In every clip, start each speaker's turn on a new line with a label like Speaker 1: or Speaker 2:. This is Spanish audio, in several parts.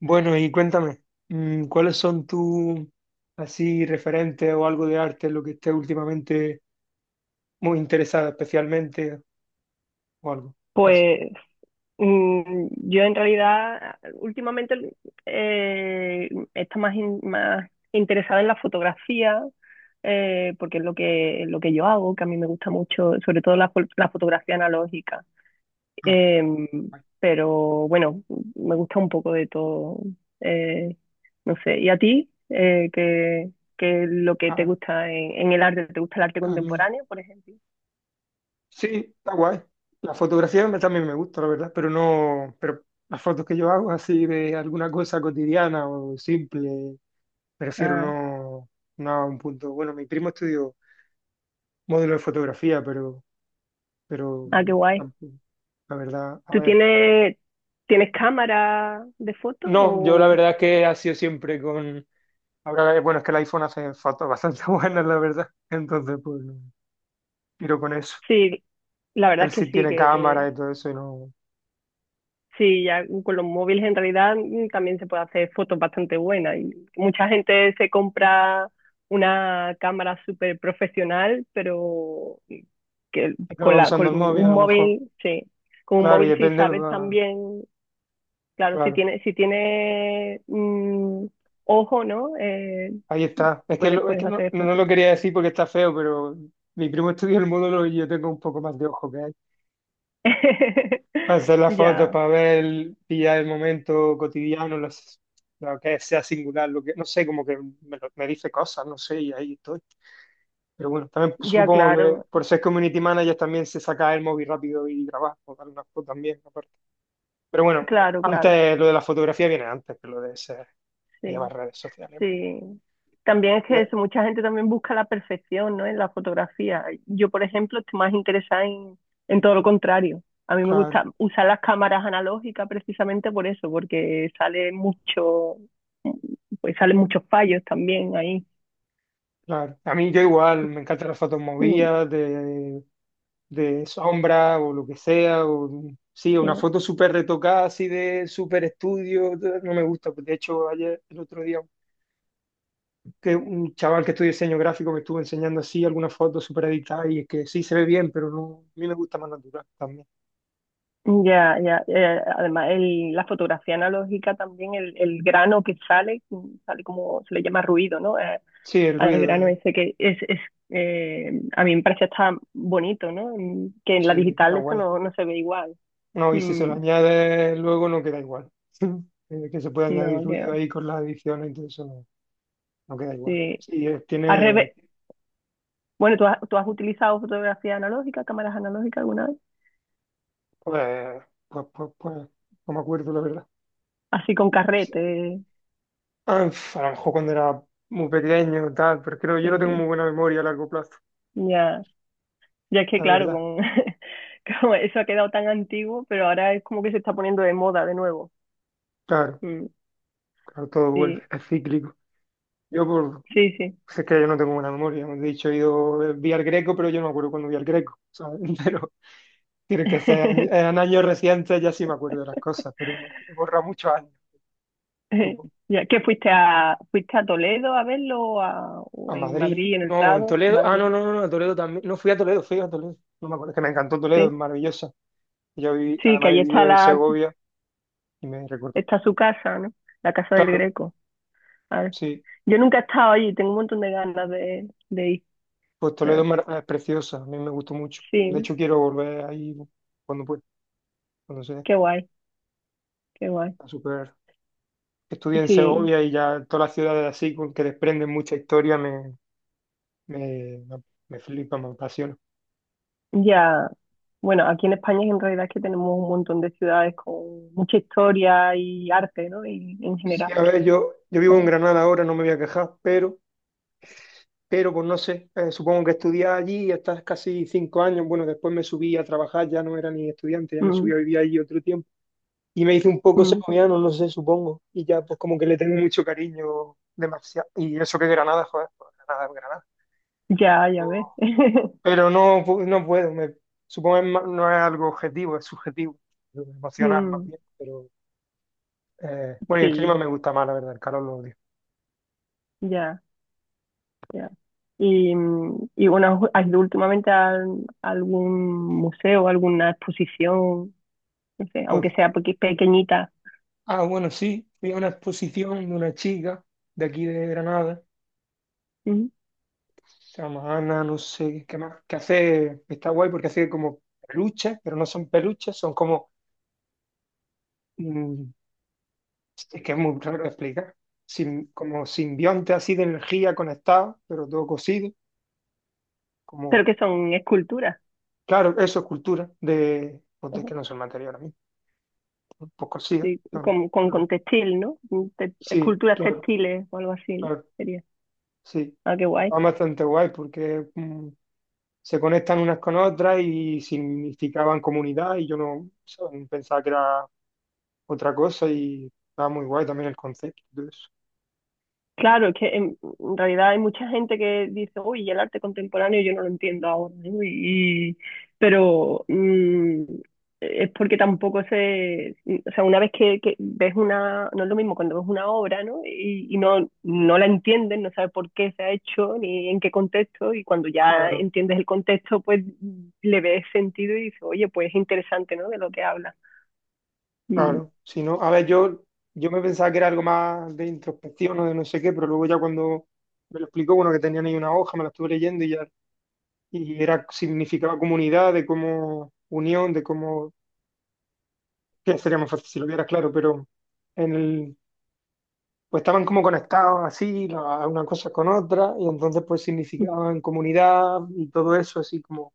Speaker 1: Bueno, y cuéntame, ¿cuáles son tus así referentes o algo de arte lo que esté últimamente muy interesada especialmente o algo así?
Speaker 2: Pues yo en realidad últimamente está más, más interesada en la fotografía, porque es lo que yo hago, que a mí me gusta mucho, sobre todo la, la fotografía analógica.
Speaker 1: Ah,
Speaker 2: Em,
Speaker 1: vale.
Speaker 2: pero bueno, me gusta un poco de todo. eh, no sé, ¿y a ti? ¿Qué es lo que te
Speaker 1: A,
Speaker 2: gusta en el arte? ¿Te gusta el arte
Speaker 1: a mí.
Speaker 2: contemporáneo, por ejemplo?
Speaker 1: Sí, está guay. La fotografía también me gusta, la verdad, pero no, pero las fotos que yo hago así de alguna cosa cotidiana o simple, prefiero
Speaker 2: Ah,
Speaker 1: no, no a un punto. Bueno, mi primo estudió módulo de fotografía, pero
Speaker 2: ah, qué guay.
Speaker 1: tampoco, la verdad, a
Speaker 2: ¿Tú
Speaker 1: ver.
Speaker 2: tienes, tienes cámara de fotos?
Speaker 1: No, yo la
Speaker 2: O...
Speaker 1: verdad que ha sido siempre con... Ahora, bueno, es que el iPhone hace fotos bastante buenas, la verdad. Entonces, pues, no, tiro con eso.
Speaker 2: Sí, la verdad
Speaker 1: Él
Speaker 2: es
Speaker 1: sí tiene
Speaker 2: que
Speaker 1: cámara y todo eso y no...
Speaker 2: sí, ya con los móviles en realidad también se puede hacer fotos bastante buenas. Y mucha gente se compra una cámara súper profesional, pero que con
Speaker 1: Acaba
Speaker 2: la,
Speaker 1: usando
Speaker 2: con
Speaker 1: el móvil, a
Speaker 2: un
Speaker 1: lo mejor.
Speaker 2: móvil, sí, con un
Speaker 1: Claro, y
Speaker 2: móvil si sabes también, claro, si
Speaker 1: Claro,
Speaker 2: tienes, si tiene ojo, ¿no?
Speaker 1: ahí está. Es que,
Speaker 2: Puedes,
Speaker 1: es
Speaker 2: puedes
Speaker 1: que no,
Speaker 2: hacer
Speaker 1: no
Speaker 2: fotos.
Speaker 1: lo quería decir porque está feo, pero mi primo estudia el módulo y yo tengo un poco más de ojo que él. Hacer la foto
Speaker 2: Ya.
Speaker 1: para ver, pillar el momento lo que sea singular, lo que, no sé, como que me dice cosas, no sé, y ahí estoy. Pero bueno, también pues,
Speaker 2: Ya,
Speaker 1: supongo que
Speaker 2: claro,
Speaker 1: por ser community manager también se saca el móvil rápido y grabar, o dar una foto también, aparte. Pero bueno,
Speaker 2: claro, claro,
Speaker 1: antes lo de la fotografía viene antes que lo de ser,
Speaker 2: sí,
Speaker 1: llevar redes sociales.
Speaker 2: sí. También es que
Speaker 1: Ya,
Speaker 2: eso, mucha gente también busca la perfección, ¿no? En la fotografía. Yo, por ejemplo, estoy más interesada en todo lo contrario. A mí me
Speaker 1: claro.
Speaker 2: gusta usar las cámaras analógicas precisamente por eso, porque sale mucho, pues salen muchos fallos también ahí.
Speaker 1: Claro. A mí yo igual, me encantan las fotos
Speaker 2: Mm,
Speaker 1: movidas, de sombra o lo que sea. O, sí, una
Speaker 2: sí.
Speaker 1: foto súper retocada, así de súper estudio, no me gusta. De hecho, ayer, el otro día, que un chaval que estudia diseño gráfico me estuvo enseñando así algunas fotos súper editadas y es que sí se ve bien, pero no, a mí me gusta más natural también.
Speaker 2: Ya, ya, además el, la fotografía analógica también, el grano que sale, sale como se le llama ruido, ¿no?
Speaker 1: Sí, el
Speaker 2: Al
Speaker 1: ruido,
Speaker 2: grano ese que es a mí me parece hasta bonito, ¿no? Mm. Que en la
Speaker 1: sí, está
Speaker 2: digital eso
Speaker 1: guay.
Speaker 2: no, no se ve igual.
Speaker 1: No, y si se lo
Speaker 2: Mm,
Speaker 1: añade luego no queda igual. Que se puede añadir
Speaker 2: no, que
Speaker 1: ruido
Speaker 2: va,
Speaker 1: ahí con las ediciones y todo eso. No, no queda igual.
Speaker 2: sí.
Speaker 1: Sí,
Speaker 2: Al
Speaker 1: tiene,
Speaker 2: revés. Bueno, tú has utilizado fotografía analógica, cámaras analógicas alguna vez?
Speaker 1: pues, pues, pues, pues, no me acuerdo, la verdad.
Speaker 2: Así con
Speaker 1: Sí,
Speaker 2: carrete,
Speaker 1: ah, a lo mejor cuando era muy pequeño tal, pero creo que yo no tengo
Speaker 2: eh,
Speaker 1: muy buena memoria a largo plazo,
Speaker 2: ya. Ya es que
Speaker 1: la
Speaker 2: claro,
Speaker 1: verdad.
Speaker 2: con, como eso ha quedado tan antiguo, pero ahora es como que se está poniendo de moda de nuevo.
Speaker 1: Claro,
Speaker 2: Mm,
Speaker 1: claro, todo vuelve,
Speaker 2: sí,
Speaker 1: es cíclico. Yo por,
Speaker 2: sí, sí.
Speaker 1: pues es que yo no tengo buena memoria, hemos dicho, he ido, vi al Greco, pero yo no me acuerdo cuando vi al Greco, ¿sabes? Pero tiene que ser en años recientes, ya sí me acuerdo de las cosas, pero no, borra muchos años.
Speaker 2: Ya, ¿qué fuiste a, fuiste a Toledo a verlo o,
Speaker 1: A
Speaker 2: o en
Speaker 1: Madrid,
Speaker 2: Madrid, en el
Speaker 1: no, en
Speaker 2: Prado?
Speaker 1: Toledo, ah, no,
Speaker 2: Madrid,
Speaker 1: no, no, no, a Toledo también, no fui a Toledo, fui a Toledo, no me acuerdo, es que me encantó Toledo, es
Speaker 2: sí.
Speaker 1: maravillosa, yo viví,
Speaker 2: Sí, que
Speaker 1: además
Speaker 2: allí
Speaker 1: he
Speaker 2: está
Speaker 1: vivido en
Speaker 2: la,
Speaker 1: Segovia y me recuerdo,
Speaker 2: está su casa, ¿no? La casa del
Speaker 1: claro,
Speaker 2: Greco. A ver.
Speaker 1: sí,
Speaker 2: Yo nunca he estado allí, tengo un montón de ganas de ir.
Speaker 1: pues Toledo
Speaker 2: Ah,
Speaker 1: es preciosa, a mí me gustó mucho, de
Speaker 2: sí,
Speaker 1: hecho quiero volver ahí cuando pueda, cuando sea,
Speaker 2: qué guay, qué guay.
Speaker 1: a super, estudié en
Speaker 2: Sí,
Speaker 1: Segovia y ya todas las ciudades así, con que desprenden mucha historia, me, me, me flipa, me apasiona.
Speaker 2: ya. Bueno, aquí en España en realidad es que tenemos un montón de ciudades con mucha historia y arte, ¿no? Y, en
Speaker 1: Sí,
Speaker 2: general.
Speaker 1: a ver, yo vivo
Speaker 2: Ah,
Speaker 1: en Granada ahora, no me voy a quejar, pero pues no sé, supongo que estudiaba allí y hasta casi cinco años. Bueno, después me subí a trabajar, ya no era ni estudiante, ya me subí
Speaker 2: mm,
Speaker 1: a vivir allí otro tiempo. Y me hice un poco
Speaker 2: mm.
Speaker 1: segoviano, no sé, supongo. Y ya pues como que le tengo mucho cariño demasiado. Y eso que Granada, joder, pues, Granada es Granada.
Speaker 2: Ya, ya ves.
Speaker 1: Pero no, no puedo, supongo que no es algo objetivo, es subjetivo, emocional más
Speaker 2: Mm,
Speaker 1: bien. Pero bueno, y el clima
Speaker 2: sí,
Speaker 1: me gusta más, la verdad, el calor lo odio.
Speaker 2: ya. Ya. Y, y bueno, ¿has ido últimamente a, algún museo, alguna exposición, no sé,
Speaker 1: Pues,
Speaker 2: aunque sea pequeñita?
Speaker 1: ah, bueno, sí, fui a una exposición de una chica de aquí de Granada
Speaker 2: Ujú.
Speaker 1: Samana, no sé qué más. Que hace, está guay porque hace como peluches, pero no son peluches, son como, mm, es que es muy raro de explicar, como simbionte así de energía conectado, pero todo cosido,
Speaker 2: Pero
Speaker 1: como,
Speaker 2: que son esculturas,
Speaker 1: claro, eso es cultura, de, pues de
Speaker 2: ajá,
Speaker 1: que no son material a mí, pues cosido.
Speaker 2: sí,
Speaker 1: Claro, claro.
Speaker 2: con textil, ¿no?
Speaker 1: Sí,
Speaker 2: Esculturas
Speaker 1: claro,
Speaker 2: textiles o algo así, ¿no?
Speaker 1: claro,
Speaker 2: Sería.
Speaker 1: sí.
Speaker 2: Ah, qué guay.
Speaker 1: Está bastante guay porque se conectan unas con otras y significaban comunidad y yo no, ¿sabes? Pensaba que era otra cosa y estaba muy guay también el concepto y todo eso.
Speaker 2: Claro, es que en realidad hay mucha gente que dice, uy, y el arte contemporáneo yo no lo entiendo ahora, ¿no? Y- pero es porque tampoco se, o sea, una vez que ves una, no es lo mismo cuando ves una obra, ¿no? Y no, no la entiendes, no sabes por qué se ha hecho ni en qué contexto, y cuando ya
Speaker 1: Claro,
Speaker 2: entiendes el contexto, pues le ves sentido y dices, oye, pues es interesante, ¿no? De lo que habla. Mm,
Speaker 1: claro. Si no, a ver, yo me pensaba que era algo más de introspección o de no sé qué, pero luego ya cuando me lo explicó, bueno, que tenían ahí una hoja, me la estuve leyendo y ya, y era, significaba comunidad, de cómo unión, de cómo, que sería más fácil si lo vieras, claro, pero en el, pues estaban como conectados así, una cosa con otra y entonces pues significaban comunidad y todo eso, así como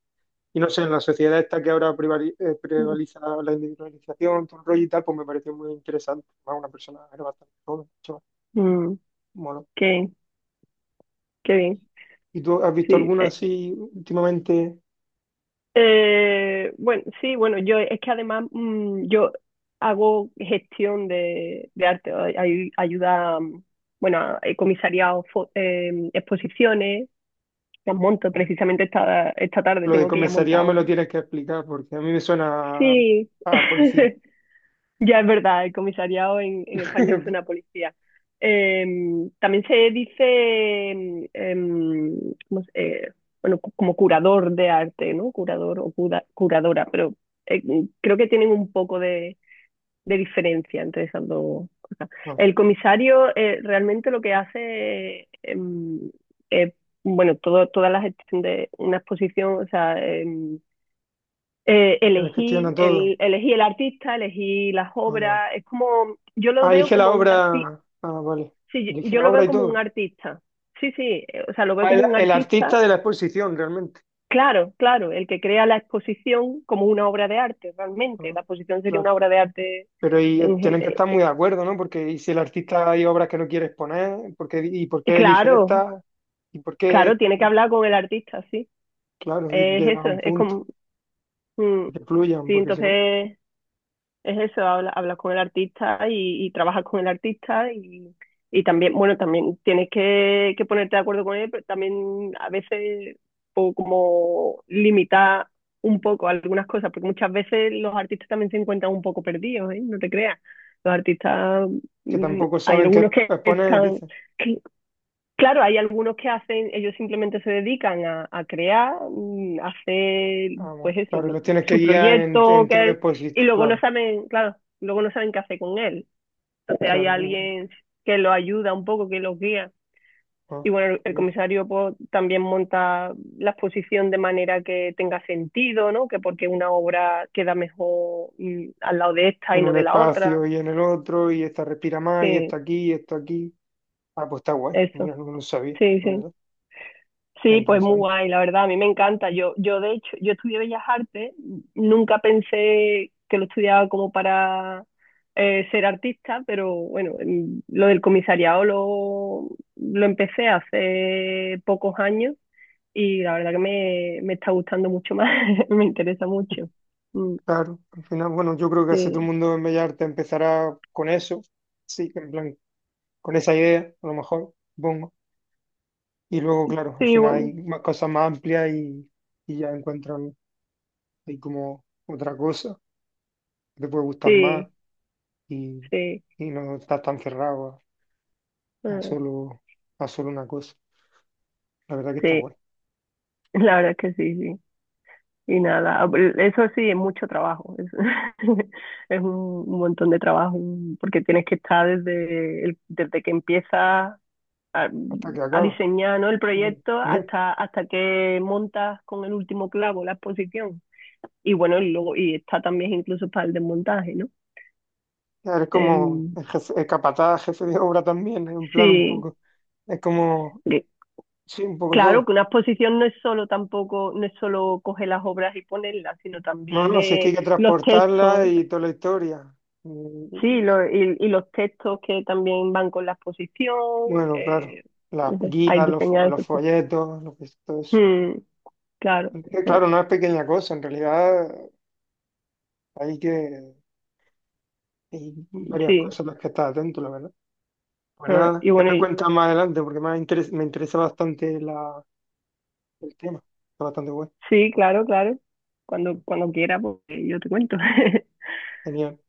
Speaker 1: y no sé, en la sociedad esta que ahora
Speaker 2: mm,
Speaker 1: prevaliza la individualización, todo el rollo y tal, pues me pareció muy interesante. Además, una persona era bastante joven, chaval.
Speaker 2: mm,
Speaker 1: Mono.
Speaker 2: qué, qué bien,
Speaker 1: ¿Y tú has visto
Speaker 2: sí.
Speaker 1: alguna así últimamente?
Speaker 2: Bueno, sí, bueno, yo es que además yo hago gestión de arte, ayuda, bueno, he comisariado exposiciones, las monto
Speaker 1: No.
Speaker 2: precisamente esta, esta tarde,
Speaker 1: Lo de
Speaker 2: tengo que ir a montar
Speaker 1: comisariado me lo
Speaker 2: un...
Speaker 1: tienes que explicar porque a mí me suena
Speaker 2: Sí,
Speaker 1: a policía.
Speaker 2: ya es verdad, el comisariado en español suena a policía. También se dice, ¿cómo se- eh, bueno, como curador de arte, ¿no? Curador o curadora, pero eh, creo que tienen un poco de diferencia entre esas dos cosas.
Speaker 1: No,
Speaker 2: El comisario realmente lo que hace es, bueno, todo, toda la gestión de una exposición, o sea,
Speaker 1: es que les gestiona todo.
Speaker 2: elegí el artista, elegí las
Speaker 1: No.
Speaker 2: obras, es como, yo lo
Speaker 1: Ah,
Speaker 2: veo
Speaker 1: elige la
Speaker 2: como un artista,
Speaker 1: obra. Ah, vale.
Speaker 2: sí,
Speaker 1: Elige
Speaker 2: yo,
Speaker 1: la
Speaker 2: lo
Speaker 1: obra
Speaker 2: veo
Speaker 1: y
Speaker 2: como un
Speaker 1: todo.
Speaker 2: artista, sí, sí, o sea, lo veo
Speaker 1: Ah,
Speaker 2: como un
Speaker 1: el
Speaker 2: artista,
Speaker 1: artista de la exposición, realmente.
Speaker 2: claro, claro, el que crea la exposición como una obra de arte, realmente,
Speaker 1: Ah,
Speaker 2: la exposición sería
Speaker 1: claro.
Speaker 2: una obra de arte,
Speaker 1: Pero y
Speaker 2: en, gen-
Speaker 1: tienen que estar muy de acuerdo, ¿no? Porque y si el artista hay obras que no quiere exponer, ¿y por qué elige
Speaker 2: claro,
Speaker 1: esta? ¿Y por qué
Speaker 2: claro, tiene
Speaker 1: esta?
Speaker 2: que hablar con el artista, sí,
Speaker 1: Claro, y
Speaker 2: es
Speaker 1: llegan a
Speaker 2: eso,
Speaker 1: un
Speaker 2: es
Speaker 1: punto,
Speaker 2: como, mm,
Speaker 1: que fluyan,
Speaker 2: sí,
Speaker 1: porque si no,
Speaker 2: entonces es eso, habla, habla con el artista y trabaja con el artista y también, bueno, también tienes que ponerte de acuerdo con él, pero también a veces como limitar un poco algunas cosas, porque muchas veces los artistas también se encuentran un poco perdidos, ¿eh? No te creas. Los artistas,
Speaker 1: que tampoco
Speaker 2: hay
Speaker 1: saben qué
Speaker 2: algunos que
Speaker 1: exponer,
Speaker 2: están,
Speaker 1: dice,
Speaker 2: claro, hay algunos que hacen, ellos simplemente se dedican a crear, a hacer,
Speaker 1: ah, bueno,
Speaker 2: pues eso,
Speaker 1: claro, los tienes que
Speaker 2: su
Speaker 1: guiar
Speaker 2: proyecto,
Speaker 1: en tonos
Speaker 2: que, y
Speaker 1: positivos,
Speaker 2: luego no
Speaker 1: claro,
Speaker 2: saben, claro, luego no saben qué hacer con él. Entonces hay
Speaker 1: claro.
Speaker 2: alguien que lo ayuda un poco, que los guía.
Speaker 1: Ah,
Speaker 2: Y bueno, el
Speaker 1: mira.
Speaker 2: comisario pues, también monta la exposición de manera que tenga sentido, ¿no? Que porque una obra queda mejor al lado de esta y
Speaker 1: En
Speaker 2: no
Speaker 1: un
Speaker 2: de la otra.
Speaker 1: espacio y en el otro, y esta respira más, y esta
Speaker 2: Sí,
Speaker 1: aquí, y esto aquí. Ah, pues está guay,
Speaker 2: eso.
Speaker 1: mira, no lo sabía,
Speaker 2: Sí,
Speaker 1: la
Speaker 2: sí.
Speaker 1: verdad, está
Speaker 2: Sí, pues muy
Speaker 1: interesante.
Speaker 2: guay, la verdad, a mí me encanta. Yo de hecho, yo estudié Bellas Artes, nunca pensé que lo estudiaba como para ser artista, pero bueno, lo del comisariado lo empecé hace pocos años y la verdad que me está gustando mucho más, me interesa mucho. Mm,
Speaker 1: Claro, al final, bueno, yo creo que casi todo el
Speaker 2: sí,
Speaker 1: mundo en Bellas Artes empezará con eso, sí, en plan, con esa idea, a lo mejor, supongo. Y luego, claro, al
Speaker 2: sí,
Speaker 1: final
Speaker 2: bueno,
Speaker 1: hay más, cosas más amplias y ya encuentran ahí como otra cosa que te puede gustar más
Speaker 2: sí,
Speaker 1: y,
Speaker 2: sí,
Speaker 1: y no estás tan cerrado a, a
Speaker 2: ah,
Speaker 1: solo, a solo una cosa. La verdad que está
Speaker 2: sí,
Speaker 1: guay.
Speaker 2: la verdad es que sí, sí. Y nada, ah, pues, eso sí, es mucho trabajo, es, es un montón de trabajo, un- porque tienes que estar desde, desde que empiezas a,
Speaker 1: Hasta que
Speaker 2: a
Speaker 1: acaba.
Speaker 2: diseñar, ¿no? El
Speaker 1: Bueno,
Speaker 2: proyecto hasta, hasta que montas con el último clavo la exposición. Y bueno, y luego, y está también incluso para el desmontaje, ¿no?
Speaker 1: eres como
Speaker 2: Em,
Speaker 1: el jefe, el capataz, jefe de obra también, en plan un
Speaker 2: sí,
Speaker 1: poco, es como,
Speaker 2: que-
Speaker 1: sí, un poco
Speaker 2: claro
Speaker 1: todo.
Speaker 2: que una exposición no es solo tampoco, no es solo coger las obras y ponerlas, sino
Speaker 1: No,
Speaker 2: también
Speaker 1: no, si es que hay que
Speaker 2: los
Speaker 1: transportarla
Speaker 2: textos,
Speaker 1: y toda la historia. Mm,
Speaker 2: sí, lo- y los textos que también van con la exposición,
Speaker 1: Bueno, claro,
Speaker 2: eh,
Speaker 1: la
Speaker 2: no sé, hay
Speaker 1: guía,
Speaker 2: diseñados
Speaker 1: los
Speaker 2: esos textos.
Speaker 1: folletos, lo que es todo eso.
Speaker 2: Mm, claro,
Speaker 1: Es que, claro, no es pequeña cosa, en realidad hay que, hay varias
Speaker 2: sí.
Speaker 1: cosas a las que estar atento, la verdad. Pues
Speaker 2: Ah,
Speaker 1: nada,
Speaker 2: y
Speaker 1: ya
Speaker 2: bueno,
Speaker 1: me
Speaker 2: y-
Speaker 1: cuentas más adelante porque me interesa bastante la, el tema. Está bastante bueno.
Speaker 2: sí, claro, claro. Cuando, cuando quiera, pues yo te cuento.
Speaker 1: Genial.